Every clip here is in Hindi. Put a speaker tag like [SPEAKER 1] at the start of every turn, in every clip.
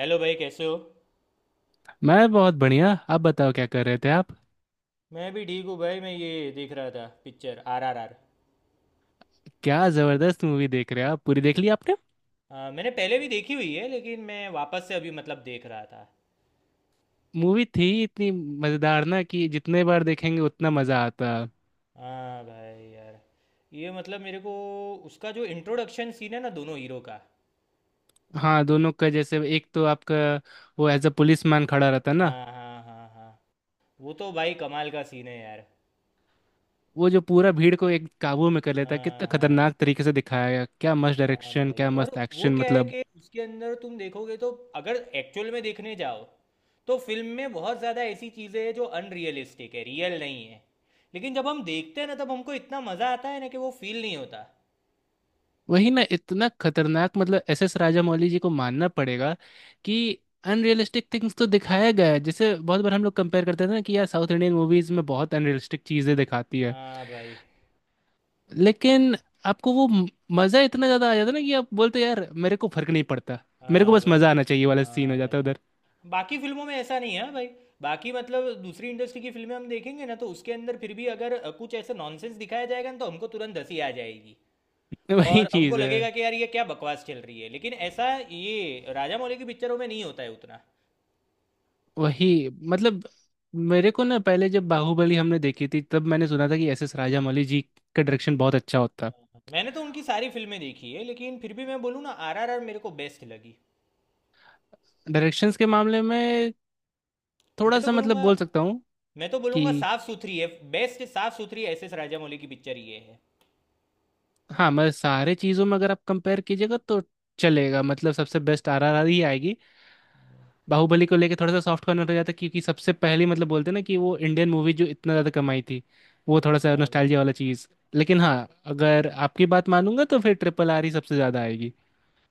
[SPEAKER 1] हेलो भाई, कैसे हो?
[SPEAKER 2] मैं बहुत बढ़िया। आप बताओ क्या कर रहे थे आप?
[SPEAKER 1] मैं भी ठीक हूँ भाई। मैं ये देख रहा था, पिक्चर RRR।
[SPEAKER 2] क्या जबरदस्त मूवी देख रहे हो आप। पूरी देख ली आपने?
[SPEAKER 1] मैंने पहले भी देखी हुई है, लेकिन मैं वापस से अभी मतलब देख रहा था।
[SPEAKER 2] मूवी थी इतनी मजेदार ना कि जितने बार देखेंगे उतना मजा आता।
[SPEAKER 1] हाँ भाई यार। ये मतलब मेरे को, उसका जो इंट्रोडक्शन सीन है ना दोनों हीरो का।
[SPEAKER 2] हाँ, दोनों का जैसे एक तो आपका वो एज अ पुलिस मैन खड़ा रहता ना।
[SPEAKER 1] हाँ हाँ हाँ हाँ। वो तो भाई कमाल का सीन है यार।
[SPEAKER 2] वो जो पूरा भीड़ को एक काबू में कर लेता है,
[SPEAKER 1] हाँ
[SPEAKER 2] कितना
[SPEAKER 1] हाँ।
[SPEAKER 2] खतरनाक तरीके से दिखाया गया, क्या मस्त
[SPEAKER 1] हाँ
[SPEAKER 2] डायरेक्शन,
[SPEAKER 1] भाई,
[SPEAKER 2] क्या
[SPEAKER 1] और
[SPEAKER 2] मस्त
[SPEAKER 1] वो
[SPEAKER 2] एक्शन,
[SPEAKER 1] क्या है
[SPEAKER 2] मतलब।
[SPEAKER 1] कि उसके अंदर तुम देखोगे तो, अगर एक्चुअल में देखने जाओ तो फिल्म में बहुत ज़्यादा ऐसी चीज़ें हैं जो अनरियलिस्टिक है, रियल नहीं है। लेकिन जब हम देखते हैं ना तब हमको इतना मज़ा आता है ना कि वो फील नहीं होता।
[SPEAKER 2] वही ना, इतना खतरनाक, मतलब SS राजामौली जी को मानना पड़ेगा कि अनरियलिस्टिक थिंग्स तो दिखाया गया है। जैसे बहुत बार हम लोग कंपेयर करते थे ना कि यार साउथ इंडियन मूवीज में बहुत अनरियलिस्टिक चीजें दिखाती है।
[SPEAKER 1] हाँ भाई।
[SPEAKER 2] लेकिन आपको वो मजा इतना ज्यादा आ जाता ना कि आप बोलते यार मेरे को फर्क नहीं पड़ता। मेरे को
[SPEAKER 1] हाँ
[SPEAKER 2] बस
[SPEAKER 1] भाई।
[SPEAKER 2] मजा आना चाहिए वाला सीन हो
[SPEAKER 1] हाँ भाई।
[SPEAKER 2] जाता है
[SPEAKER 1] हाँ,
[SPEAKER 2] उधर।
[SPEAKER 1] बाकी फिल्मों में ऐसा नहीं है। हाँ भाई, बाकी मतलब दूसरी इंडस्ट्री की फिल्में हम देखेंगे ना तो उसके अंदर फिर भी अगर कुछ ऐसे नॉनसेंस दिखाया जाएगा ना तो हमको तुरंत हंसी आ जाएगी।
[SPEAKER 2] वही
[SPEAKER 1] और हमको
[SPEAKER 2] चीज है।
[SPEAKER 1] लगेगा कि यार ये क्या बकवास चल रही है, लेकिन ऐसा ये राजा मौली की पिक्चरों में नहीं होता है उतना।
[SPEAKER 2] वही मतलब मेरे को ना पहले जब बाहुबली हमने देखी थी तब मैंने सुना था कि SS राजामौली जी का डायरेक्शन बहुत अच्छा होता है।
[SPEAKER 1] मैंने तो उनकी सारी फिल्में देखी है, लेकिन फिर भी मैं बोलूँ ना, आरआरआर मेरे को बेस्ट लगी।
[SPEAKER 2] डायरेक्शंस के मामले में
[SPEAKER 1] मैं
[SPEAKER 2] थोड़ा
[SPEAKER 1] तो
[SPEAKER 2] सा मतलब
[SPEAKER 1] बोलूँगा,
[SPEAKER 2] बोल सकता हूँ
[SPEAKER 1] मैं तो बोलूँगा
[SPEAKER 2] कि
[SPEAKER 1] साफ सुथरी है। बेस्ट साफ सुथरी एस एस राजा मौली की पिक्चर ये है।
[SPEAKER 2] हाँ, मतलब सारे चीज़ों में अगर आप कंपेयर कीजिएगा तो चलेगा, मतलब सबसे बेस्ट RRR ही आएगी। बाहुबली को लेके थोड़ा सा सॉफ्ट कॉर्नर हो जाता है क्योंकि सबसे पहली, मतलब बोलते हैं ना कि वो इंडियन मूवी जो इतना ज़्यादा कमाई थी। वो थोड़ा सा
[SPEAKER 1] हाँ भाई।
[SPEAKER 2] नॉस्टैल्जिया वाला चीज़, लेकिन
[SPEAKER 1] हाँ
[SPEAKER 2] हाँ,
[SPEAKER 1] भाई।
[SPEAKER 2] अगर आपकी बात मानूंगा तो फिर RRR ही सबसे ज़्यादा आएगी।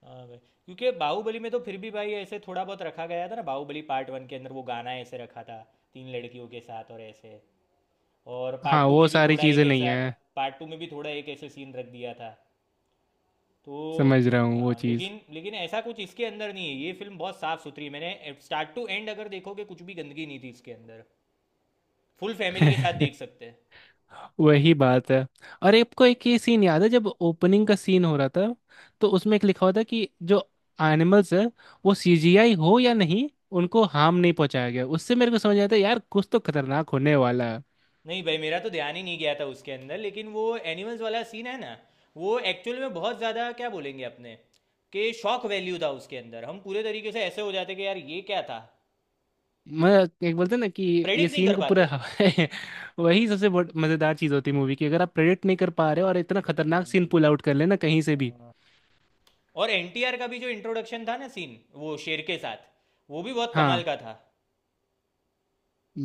[SPEAKER 1] हाँ भाई, क्योंकि बाहुबली में तो फिर भी भाई ऐसे थोड़ा बहुत रखा गया था ना। बाहुबली पार्ट 1 के अंदर वो गाना ऐसे रखा था तीन लड़कियों के साथ, और ऐसे। और
[SPEAKER 2] हाँ,
[SPEAKER 1] पार्ट 2
[SPEAKER 2] वो
[SPEAKER 1] में भी
[SPEAKER 2] सारी
[SPEAKER 1] थोड़ा
[SPEAKER 2] चीज़ें
[SPEAKER 1] एक
[SPEAKER 2] नहीं
[SPEAKER 1] ऐसा,
[SPEAKER 2] है।
[SPEAKER 1] पार्ट 2 में भी थोड़ा एक ऐसे सीन रख दिया था।
[SPEAKER 2] समझ
[SPEAKER 1] तो
[SPEAKER 2] रहा हूँ वो
[SPEAKER 1] हाँ,
[SPEAKER 2] चीज़।
[SPEAKER 1] लेकिन लेकिन ऐसा कुछ इसके अंदर नहीं है। ये फिल्म बहुत साफ सुथरी है। मैंने स्टार्ट टू एंड अगर देखोगे कुछ भी गंदगी नहीं थी इसके अंदर। फुल फैमिली के साथ देख सकते हैं।
[SPEAKER 2] वही बात है। और आपको एक ये सीन याद है जब ओपनिंग का सीन हो रहा था तो उसमें एक लिखा हुआ था कि जो एनिमल्स है वो CGI हो या नहीं, उनको हार्म नहीं पहुंचाया गया। उससे मेरे को समझ आया था यार कुछ तो खतरनाक होने वाला है।
[SPEAKER 1] नहीं भाई, मेरा तो ध्यान ही नहीं गया था उसके अंदर, लेकिन वो एनिमल्स वाला सीन है ना, वो एक्चुअल में बहुत ज़्यादा क्या बोलेंगे अपने, कि शॉक वैल्यू था उसके अंदर। हम पूरे तरीके से ऐसे हो जाते कि यार ये क्या था,
[SPEAKER 2] मैं एक बोलते हैं ना कि ये
[SPEAKER 1] प्रेडिक्ट नहीं
[SPEAKER 2] सीन
[SPEAKER 1] कर
[SPEAKER 2] को पूरा।
[SPEAKER 1] पाते।
[SPEAKER 2] वही सबसे मज़ेदार चीज़ होती है मूवी की, अगर आप प्रेडिक्ट नहीं कर पा रहे हो और इतना खतरनाक सीन
[SPEAKER 1] हाँ,
[SPEAKER 2] पुल आउट कर लेना कहीं से भी।
[SPEAKER 1] हाँ। और एनटीआर का भी जो इंट्रोडक्शन था ना सीन, वो शेर के साथ, वो भी बहुत कमाल
[SPEAKER 2] हाँ।
[SPEAKER 1] का था।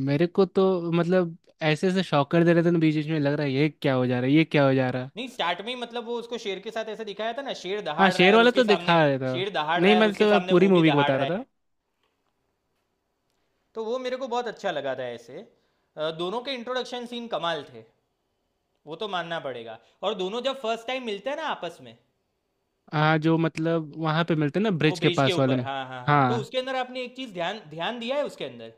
[SPEAKER 2] मेरे को तो मतलब ऐसे ऐसे शॉकर दे रहे थे ना, बीच बीच में लग रहा है ये क्या हो जा रहा है, ये क्या हो जा रहा है।
[SPEAKER 1] नहीं स्टार्ट में ही मतलब वो उसको शेर के साथ ऐसा दिखाया था ना, शेर
[SPEAKER 2] हाँ,
[SPEAKER 1] दहाड़ रहा है
[SPEAKER 2] शेर
[SPEAKER 1] और
[SPEAKER 2] वाला
[SPEAKER 1] उसके
[SPEAKER 2] तो
[SPEAKER 1] सामने,
[SPEAKER 2] दिखा रहा था।
[SPEAKER 1] शेर दहाड़ रहा
[SPEAKER 2] नहीं,
[SPEAKER 1] है और उसके
[SPEAKER 2] मतलब मैं तो
[SPEAKER 1] सामने
[SPEAKER 2] पूरी
[SPEAKER 1] वो भी
[SPEAKER 2] मूवी को
[SPEAKER 1] दहाड़
[SPEAKER 2] बता
[SPEAKER 1] रहा
[SPEAKER 2] रहा
[SPEAKER 1] है।
[SPEAKER 2] था।
[SPEAKER 1] तो वो मेरे को बहुत अच्छा लगा था ऐसे। दोनों के इंट्रोडक्शन सीन कमाल थे, वो तो मानना पड़ेगा। और दोनों जब फर्स्ट टाइम मिलते हैं ना आपस में,
[SPEAKER 2] हाँ, जो मतलब वहां पे मिलते हैं ना,
[SPEAKER 1] वो
[SPEAKER 2] ब्रिज के
[SPEAKER 1] ब्रिज के
[SPEAKER 2] पास वाले
[SPEAKER 1] ऊपर,
[SPEAKER 2] में।
[SPEAKER 1] हाँ हाँ हाँ, तो
[SPEAKER 2] हाँ।
[SPEAKER 1] उसके अंदर आपने एक चीज़ ध्यान ध्यान दिया है उसके अंदर?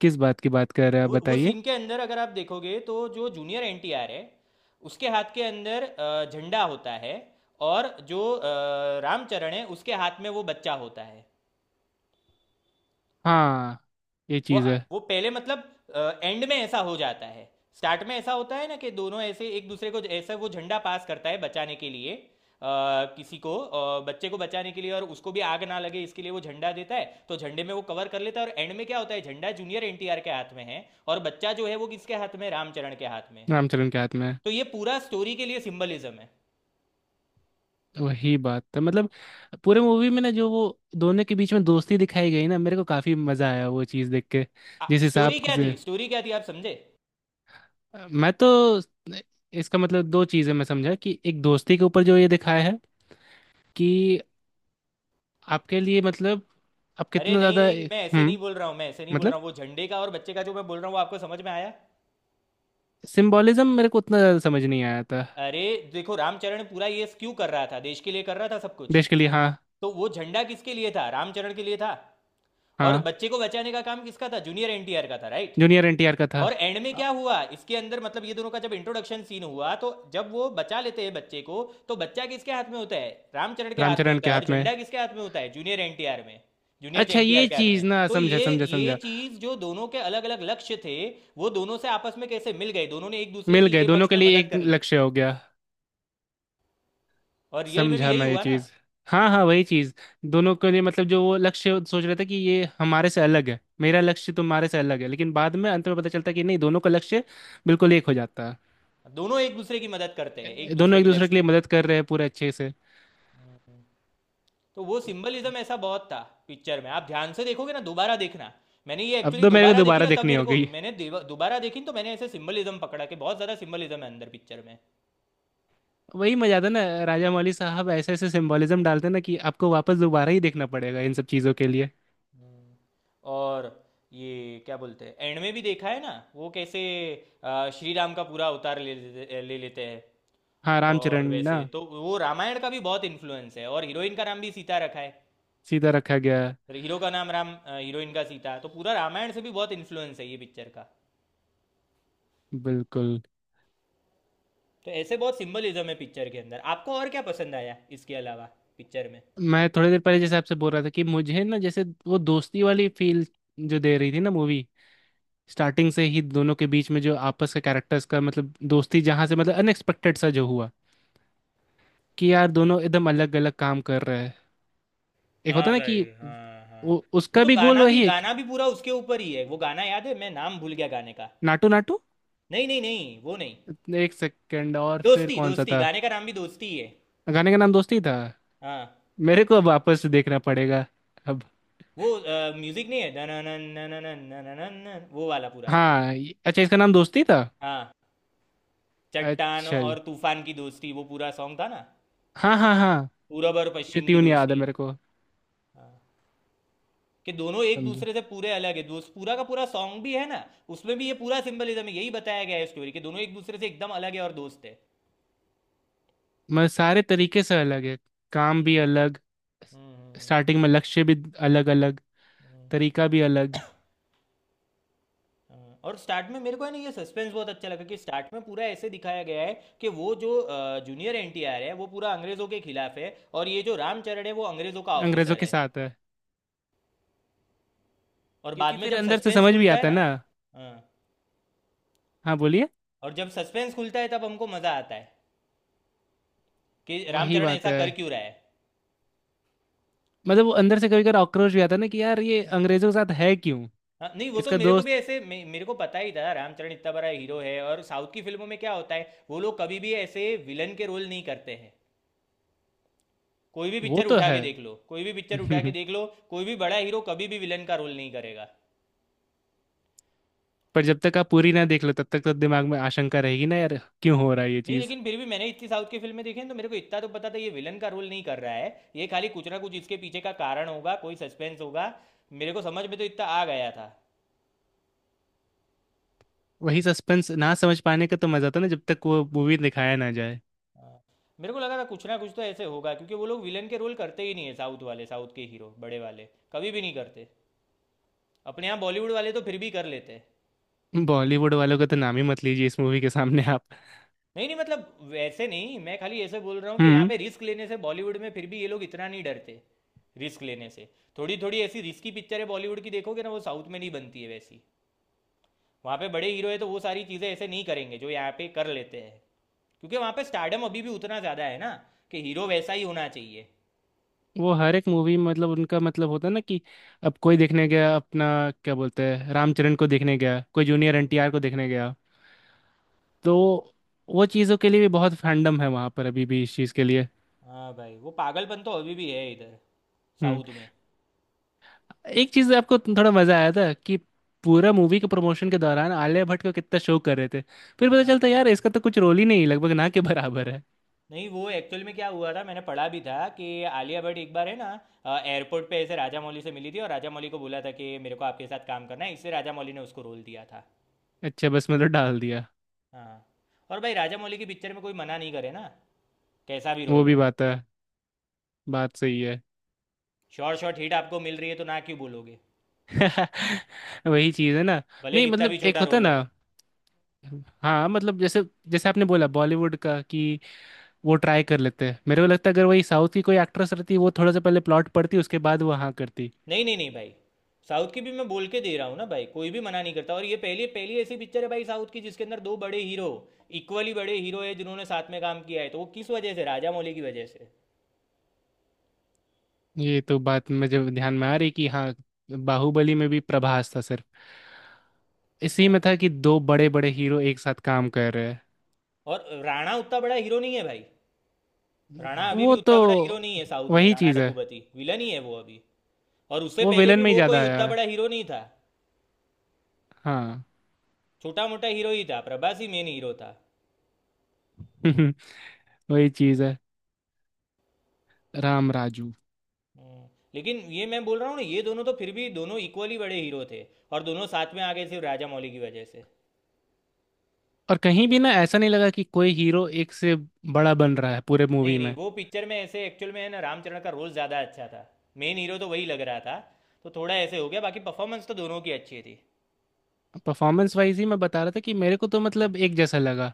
[SPEAKER 2] किस बात की बात कर रहे हैं आप
[SPEAKER 1] वो
[SPEAKER 2] बताइए।
[SPEAKER 1] सीन के अंदर अगर आप देखोगे तो जो जूनियर एनटीआर है, उसके हाथ के अंदर झंडा होता है। और जो रामचरण है, उसके हाथ में वो बच्चा होता है।
[SPEAKER 2] हाँ, ये
[SPEAKER 1] वो
[SPEAKER 2] चीज़ है।
[SPEAKER 1] वो पहले मतलब, एंड में ऐसा हो जाता है। स्टार्ट में ऐसा होता है ना कि दोनों ऐसे एक दूसरे को ऐसे वो झंडा पास करता है बचाने के लिए, किसी को, बच्चे को बचाने के लिए। और उसको भी आग ना लगे इसके लिए वो झंडा देता है, तो झंडे में वो कवर कर लेता है। और एंड में क्या होता है? झंडा जूनियर एनटीआर के हाथ में है, और बच्चा जो है वो किसके हाथ में? रामचरण के हाथ में।
[SPEAKER 2] रामचरण के हाथ में है।
[SPEAKER 1] तो ये पूरा स्टोरी के लिए सिंबलिज्म है।
[SPEAKER 2] वही बात था, मतलब पूरे मूवी में ना जो वो दोनों के बीच में दोस्ती दिखाई गई ना, मेरे को काफी मजा आया वो चीज़ देख के। जिस हिसाब
[SPEAKER 1] स्टोरी क्या थी,
[SPEAKER 2] से
[SPEAKER 1] स्टोरी क्या थी आप समझे?
[SPEAKER 2] मैं तो इसका मतलब दो चीज़ें मैं समझा कि एक दोस्ती के ऊपर जो ये दिखाया है कि आपके लिए मतलब आप
[SPEAKER 1] अरे
[SPEAKER 2] कितना
[SPEAKER 1] नहीं
[SPEAKER 2] ज्यादा।
[SPEAKER 1] नहीं,
[SPEAKER 2] हम्म।
[SPEAKER 1] मैं ऐसे नहीं बोल रहा हूँ, मैं ऐसे नहीं बोल
[SPEAKER 2] मतलब
[SPEAKER 1] रहा हूँ। वो झंडे का और बच्चे का जो मैं बोल रहा हूँ, वो आपको समझ में आया?
[SPEAKER 2] सिंबॉलिज्म मेरे को उतना ज्यादा समझ नहीं आया था।
[SPEAKER 1] अरे देखो, रामचरण पूरा ये क्यों कर रहा था? देश के लिए कर रहा था सब कुछ।
[SPEAKER 2] देश के लिए, हाँ।
[SPEAKER 1] तो वो झंडा किसके लिए था? रामचरण के लिए था। और
[SPEAKER 2] हाँ,
[SPEAKER 1] बच्चे को बचाने का काम किसका था? जूनियर एनटीआर का था, राइट?
[SPEAKER 2] जूनियर NTR का था।
[SPEAKER 1] और एंड में
[SPEAKER 2] अ,
[SPEAKER 1] क्या हुआ इसके अंदर? मतलब ये दोनों का जब इंट्रोडक्शन सीन हुआ तो जब वो बचा लेते हैं बच्चे को, तो बच्चा किसके हाथ में होता है? रामचरण के हाथ में
[SPEAKER 2] रामचरण
[SPEAKER 1] होता
[SPEAKER 2] के
[SPEAKER 1] है। और
[SPEAKER 2] हाथ में।
[SPEAKER 1] झंडा किसके हाथ में होता है? जूनियर एनटीआर में, जूनियर
[SPEAKER 2] अच्छा,
[SPEAKER 1] एनटीआर
[SPEAKER 2] ये
[SPEAKER 1] के हाथ में।
[SPEAKER 2] चीज ना,
[SPEAKER 1] तो
[SPEAKER 2] समझा समझा
[SPEAKER 1] ये
[SPEAKER 2] समझा।
[SPEAKER 1] चीज जो दोनों के अलग अलग लक्ष्य थे, वो दोनों से आपस में कैसे मिल गए, दोनों ने एक दूसरे
[SPEAKER 2] मिल
[SPEAKER 1] की
[SPEAKER 2] गए,
[SPEAKER 1] ये
[SPEAKER 2] दोनों
[SPEAKER 1] पक्ष
[SPEAKER 2] के
[SPEAKER 1] में
[SPEAKER 2] लिए
[SPEAKER 1] मदद
[SPEAKER 2] एक
[SPEAKER 1] कर ली।
[SPEAKER 2] लक्ष्य हो गया।
[SPEAKER 1] और रियल में भी
[SPEAKER 2] समझा
[SPEAKER 1] यही
[SPEAKER 2] मैं ये
[SPEAKER 1] हुआ ना,
[SPEAKER 2] चीज। हाँ हाँ, वही चीज। दोनों के लिए मतलब जो वो लक्ष्य सोच रहे थे कि ये हमारे से अलग है, मेरा लक्ष्य तुम्हारे से अलग है, लेकिन बाद में अंत में पता चलता कि नहीं, दोनों का लक्ष्य बिल्कुल एक हो जाता
[SPEAKER 1] दोनों एक दूसरे की मदद करते हैं
[SPEAKER 2] है।
[SPEAKER 1] एक
[SPEAKER 2] दोनों
[SPEAKER 1] दूसरे
[SPEAKER 2] एक
[SPEAKER 1] के
[SPEAKER 2] दूसरे
[SPEAKER 1] लक्ष्य
[SPEAKER 2] के लिए
[SPEAKER 1] में।
[SPEAKER 2] मदद कर रहे हैं पूरे अच्छे से।
[SPEAKER 1] हम्म। तो वो सिंबलिज्म ऐसा बहुत था पिक्चर में, आप ध्यान से देखोगे ना दोबारा देखना। मैंने ये
[SPEAKER 2] अब
[SPEAKER 1] एक्चुअली
[SPEAKER 2] तो मेरे को
[SPEAKER 1] दोबारा देखी
[SPEAKER 2] दोबारा
[SPEAKER 1] ना, तब
[SPEAKER 2] देखनी
[SPEAKER 1] मेरे को,
[SPEAKER 2] होगी।
[SPEAKER 1] मैंने दोबारा देखी तो मैंने ऐसे सिंबलिज्म पकड़ा कि बहुत ज़्यादा सिंबलिज्म है अंदर पिक्चर में।
[SPEAKER 2] वही मजा था ना, राजा मौली साहब ऐसे ऐसे सिंबोलिज्म डालते ना कि आपको वापस दोबारा ही देखना पड़ेगा इन सब चीज़ों के लिए।
[SPEAKER 1] हम्म। और ये क्या बोलते हैं, एंड में भी देखा है ना वो कैसे श्री राम का पूरा अवतार ले लेते हैं।
[SPEAKER 2] हाँ, रामचरण
[SPEAKER 1] और
[SPEAKER 2] ना।
[SPEAKER 1] वैसे तो वो रामायण का भी बहुत इन्फ्लुएंस है, और हीरोइन का नाम भी सीता रखा है।
[SPEAKER 2] सीधा रखा गया है।
[SPEAKER 1] तो हीरो का नाम राम, हीरोइन का सीता, तो पूरा रामायण से भी बहुत इन्फ्लुएंस है ये पिक्चर का।
[SPEAKER 2] बिल्कुल।
[SPEAKER 1] तो ऐसे बहुत सिंबलिज्म है पिक्चर के अंदर। आपको और क्या पसंद आया इसके अलावा पिक्चर में?
[SPEAKER 2] मैं थोड़ी देर पहले जैसे आपसे बोल रहा था कि मुझे ना जैसे वो दोस्ती वाली फील जो दे रही थी ना मूवी, स्टार्टिंग से ही दोनों के बीच में जो आपस के कैरेक्टर्स का मतलब दोस्ती, जहाँ से मतलब अनएक्सपेक्टेड सा जो हुआ कि यार दोनों एकदम अलग अलग काम कर रहे हैं। एक
[SPEAKER 1] हाँ
[SPEAKER 2] होता ना कि
[SPEAKER 1] भाई, हाँ हाँ,
[SPEAKER 2] वो
[SPEAKER 1] वो
[SPEAKER 2] उसका
[SPEAKER 1] तो
[SPEAKER 2] भी गोल
[SPEAKER 1] गाना भी
[SPEAKER 2] वही है
[SPEAKER 1] गाना भी पूरा उसके ऊपर ही है। वो गाना याद है, मैं नाम भूल गया गाने का।
[SPEAKER 2] नाटू नाटू।
[SPEAKER 1] नहीं नहीं नहीं वो नहीं,
[SPEAKER 2] एक सेकंड, और फिर
[SPEAKER 1] दोस्ती,
[SPEAKER 2] कौन सा
[SPEAKER 1] दोस्ती
[SPEAKER 2] था।
[SPEAKER 1] गाने का नाम भी दोस्ती ही है।
[SPEAKER 2] गाने का नाम दोस्ती था।
[SPEAKER 1] हाँ।
[SPEAKER 2] मेरे को अब वापस देखना पड़ेगा अब।
[SPEAKER 1] वो म्यूजिक नहीं है, दननन, नननन, नननन, वो वाला पूरा।
[SPEAKER 2] हाँ अच्छा, इसका नाम दोस्ती था।
[SPEAKER 1] हाँ, चट्टान
[SPEAKER 2] अच्छा,
[SPEAKER 1] और तूफान की दोस्ती, वो पूरा सॉन्ग था ना,
[SPEAKER 2] हाँ हाँ हाँ,
[SPEAKER 1] पूरब और
[SPEAKER 2] ये
[SPEAKER 1] पश्चिम की
[SPEAKER 2] ट्यून याद है
[SPEAKER 1] दोस्ती।
[SPEAKER 2] मेरे को।
[SPEAKER 1] हाँ, कि दोनों एक
[SPEAKER 2] समझे।
[SPEAKER 1] दूसरे से पूरे अलग है, दोस्त, पूरा का पूरा सॉन्ग भी है ना। उसमें भी ये पूरा सिंबलिज्म है, यही बताया गया है स्टोरी कि दोनों एक दूसरे से एकदम अलग है और दोस्त है।
[SPEAKER 2] मैं सारे तरीके से अलग है, काम भी
[SPEAKER 1] हम्म।
[SPEAKER 2] अलग,
[SPEAKER 1] हम्म।
[SPEAKER 2] स्टार्टिंग में लक्ष्य भी अलग अलग,
[SPEAKER 1] हम्म। हम्म।
[SPEAKER 2] तरीका भी अलग।
[SPEAKER 1] हाँ, और स्टार्ट में मेरे को है ना ये सस्पेंस बहुत अच्छा लगा, कि स्टार्ट में पूरा ऐसे दिखाया गया है कि वो जो जूनियर एनटीआर है वो पूरा अंग्रेज़ों के खिलाफ है, और ये जो रामचरण है वो अंग्रेज़ों का
[SPEAKER 2] अंग्रेजों
[SPEAKER 1] ऑफिसर
[SPEAKER 2] के
[SPEAKER 1] है।
[SPEAKER 2] साथ है।
[SPEAKER 1] और बाद
[SPEAKER 2] क्योंकि
[SPEAKER 1] में
[SPEAKER 2] फिर
[SPEAKER 1] जब
[SPEAKER 2] अंदर से
[SPEAKER 1] सस्पेंस
[SPEAKER 2] समझ भी
[SPEAKER 1] खुलता है
[SPEAKER 2] आता है
[SPEAKER 1] ना,
[SPEAKER 2] ना।
[SPEAKER 1] हाँ,
[SPEAKER 2] हाँ बोलिए।
[SPEAKER 1] और जब सस्पेंस खुलता है तब हमको मज़ा आता है कि
[SPEAKER 2] वही
[SPEAKER 1] रामचरण
[SPEAKER 2] बात
[SPEAKER 1] ऐसा
[SPEAKER 2] है,
[SPEAKER 1] कर क्यों रहा है।
[SPEAKER 2] मतलब वो अंदर से कभी कभी आक्रोश भी आता है ना कि यार ये अंग्रेजों के साथ है क्यों।
[SPEAKER 1] हाँ, नहीं वो तो
[SPEAKER 2] इसका
[SPEAKER 1] मेरे को
[SPEAKER 2] दोस्त।
[SPEAKER 1] भी ऐसे मेरे को पता ही था, रामचरण इतना बड़ा हीरो है, और साउथ की फिल्मों में क्या होता है वो लोग कभी भी ऐसे विलन के रोल नहीं करते हैं। कोई भी
[SPEAKER 2] वो
[SPEAKER 1] पिक्चर
[SPEAKER 2] तो
[SPEAKER 1] उठा
[SPEAKER 2] है।
[SPEAKER 1] के देख लो, कोई भी पिक्चर उठा के देख लो, कोई भी बड़ा हीरो कभी भी विलन का रोल नहीं करेगा।
[SPEAKER 2] पर जब तक आप पूरी ना देख लो तब तक तो दिमाग में आशंका रहेगी ना यार क्यों
[SPEAKER 1] हाँ।
[SPEAKER 2] हो रहा है ये
[SPEAKER 1] नहीं
[SPEAKER 2] चीज़।
[SPEAKER 1] लेकिन फिर भी मैंने इतनी साउथ की फिल्में देखी हैं तो मेरे को इतना तो पता था, ये विलन का रोल नहीं कर रहा है, ये खाली कुछ ना कुछ इसके पीछे का कारण होगा, कोई सस्पेंस होगा। मेरे को समझ में तो इतना आ गया था।
[SPEAKER 2] वही सस्पेंस ना समझ पाने का तो मज़ा था ना जब तक वो मूवी दिखाया ना जाए।
[SPEAKER 1] हाँ। मेरे को लगा था कुछ ना कुछ तो ऐसे होगा, क्योंकि वो लोग विलन के रोल करते ही नहीं है, साउथ वाले, साउथ के हीरो बड़े वाले, कभी भी नहीं करते। अपने यहाँ बॉलीवुड वाले तो फिर भी कर लेते हैं।
[SPEAKER 2] बॉलीवुड वालों का तो नाम ही मत लीजिए इस मूवी के सामने आप।
[SPEAKER 1] नहीं नहीं, मतलब वैसे नहीं, मैं खाली ऐसे बोल रहा हूँ कि यहाँ
[SPEAKER 2] हम्म।
[SPEAKER 1] पे रिस्क लेने से बॉलीवुड में फिर भी ये लोग इतना नहीं डरते, रिस्क लेने से। थोड़ी थोड़ी ऐसी रिस्की पिक्चरें बॉलीवुड की देखोगे ना, वो साउथ में नहीं बनती है वैसी। वहाँ पे बड़े हीरो है, तो वो सारी चीज़ें ऐसे नहीं करेंगे जो यहाँ पे कर लेते हैं, क्योंकि वहाँ पे स्टार्डम अभी भी उतना ज़्यादा है ना, कि हीरो वैसा ही होना चाहिए।
[SPEAKER 2] वो हर एक मूवी मतलब उनका मतलब होता है ना कि अब कोई देखने गया अपना, क्या बोलते हैं, रामचरण को देखने गया, कोई जूनियर
[SPEAKER 1] हम्म।
[SPEAKER 2] NTR को देखने गया, तो वो चीज़ों के लिए भी बहुत फैंडम है वहाँ पर अभी भी इस चीज़ के लिए।
[SPEAKER 1] हाँ भाई, वो पागलपन तो अभी भी है इधर
[SPEAKER 2] हम्म।
[SPEAKER 1] साउथ में।
[SPEAKER 2] एक चीज आपको थोड़ा मजा आया था कि पूरा मूवी के प्रमोशन के दौरान आलिया भट्ट को कितना शो कर रहे थे, फिर पता
[SPEAKER 1] हाँ।
[SPEAKER 2] चलता यार इसका तो कुछ रोल ही नहीं, लगभग ना के बराबर है।
[SPEAKER 1] नहीं वो एक्चुअल में क्या हुआ था, मैंने पढ़ा भी था कि आलिया भट्ट एक बार है ना, एयरपोर्ट पे ऐसे राजा मौली से मिली थी, और राजा मौली को बोला था कि मेरे को आपके साथ काम करना है, इससे राजा मौली ने उसको रोल दिया था।
[SPEAKER 2] अच्छा, बस मतलब डाल दिया।
[SPEAKER 1] हाँ, और भाई राजा मौली की पिक्चर में कोई मना नहीं करे ना, कैसा भी
[SPEAKER 2] वो
[SPEAKER 1] रोल
[SPEAKER 2] भी
[SPEAKER 1] हो।
[SPEAKER 2] बात है, बात सही है।
[SPEAKER 1] शॉर्ट शॉर्ट हिट आपको मिल रही है तो ना क्यों बोलोगे,
[SPEAKER 2] वही चीज है ना।
[SPEAKER 1] भले
[SPEAKER 2] नहीं,
[SPEAKER 1] कितना
[SPEAKER 2] मतलब
[SPEAKER 1] भी
[SPEAKER 2] एक
[SPEAKER 1] छोटा
[SPEAKER 2] होता
[SPEAKER 1] रोल हो।
[SPEAKER 2] ना, हाँ मतलब जैसे जैसे आपने बोला बॉलीवुड का कि वो ट्राई कर लेते हैं, मेरे को लगता है अगर वही साउथ की कोई एक्ट्रेस रहती वो थोड़ा सा पहले प्लॉट पढ़ती उसके बाद वो हाँ करती।
[SPEAKER 1] नहीं नहीं नहीं भाई, साउथ की भी मैं बोल के दे रहा हूँ ना भाई, कोई भी मना नहीं करता। और ये पहली पहली ऐसी पिक्चर है भाई साउथ की जिसके अंदर दो बड़े हीरो, इक्वली बड़े हीरो है जिन्होंने साथ में काम किया है। तो वो किस वजह से? राजा मौली की वजह से।
[SPEAKER 2] ये तो बात मुझे ध्यान में आ रही कि हाँ, बाहुबली में भी प्रभास था, इसी
[SPEAKER 1] हाँ।
[SPEAKER 2] में था कि दो बड़े बड़े हीरो एक साथ काम कर रहे हैं।
[SPEAKER 1] और राणा उतना बड़ा हीरो नहीं है भाई, राणा अभी भी
[SPEAKER 2] वो तो
[SPEAKER 1] उतना बड़ा हीरो नहीं है साउथ में।
[SPEAKER 2] वही
[SPEAKER 1] राणा
[SPEAKER 2] चीज है।
[SPEAKER 1] डग्गुबाती विलन ही है वो अभी, और उससे
[SPEAKER 2] वो
[SPEAKER 1] पहले
[SPEAKER 2] विलन
[SPEAKER 1] भी
[SPEAKER 2] में ही
[SPEAKER 1] वो
[SPEAKER 2] ज्यादा
[SPEAKER 1] कोई
[SPEAKER 2] आया
[SPEAKER 1] उतना
[SPEAKER 2] है।
[SPEAKER 1] बड़ा हीरो नहीं था।
[SPEAKER 2] हाँ।
[SPEAKER 1] छोटा मोटा हीरो ही था, प्रभास ही मेन हीरो था।
[SPEAKER 2] वही चीज है। राम राजू।
[SPEAKER 1] हम्म। लेकिन ये मैं बोल रहा हूँ ना, ये दोनों तो फिर भी दोनों इक्वली बड़े हीरो थे, और दोनों साथ में आ गए सिर्फ राजा मौली की वजह से।
[SPEAKER 2] और कहीं भी ना ऐसा नहीं लगा कि कोई हीरो एक से बड़ा बन रहा है पूरे
[SPEAKER 1] नहीं
[SPEAKER 2] मूवी
[SPEAKER 1] नहीं,
[SPEAKER 2] में।
[SPEAKER 1] वो पिक्चर में ऐसे एक्चुअल में है ना रामचरण का रोल ज़्यादा अच्छा था, मेन हीरो तो वही लग रहा था। तो थोड़ा ऐसे हो गया, बाकी परफॉर्मेंस तो दोनों की अच्छी थी।
[SPEAKER 2] परफॉर्मेंस वाइज ही मैं बता रहा था कि मेरे को तो मतलब एक जैसा लगा।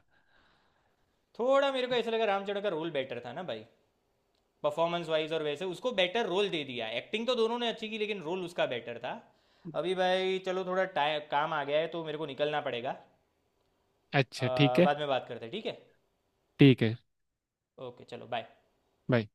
[SPEAKER 1] थोड़ा मेरे को ऐसा लगा रामचरण का रोल बेटर था ना भाई, परफॉर्मेंस वाइज, और वैसे उसको बेटर रोल दे दिया। एक्टिंग तो दोनों ने अच्छी की, लेकिन रोल उसका बेटर था। अभी भाई चलो थोड़ा टाइम काम आ गया है तो मेरे को निकलना पड़ेगा।
[SPEAKER 2] अच्छा ठीक है।
[SPEAKER 1] बाद में बात करते हैं, ठीक है?
[SPEAKER 2] ठीक है।
[SPEAKER 1] ओके चलो बाय।
[SPEAKER 2] बाय।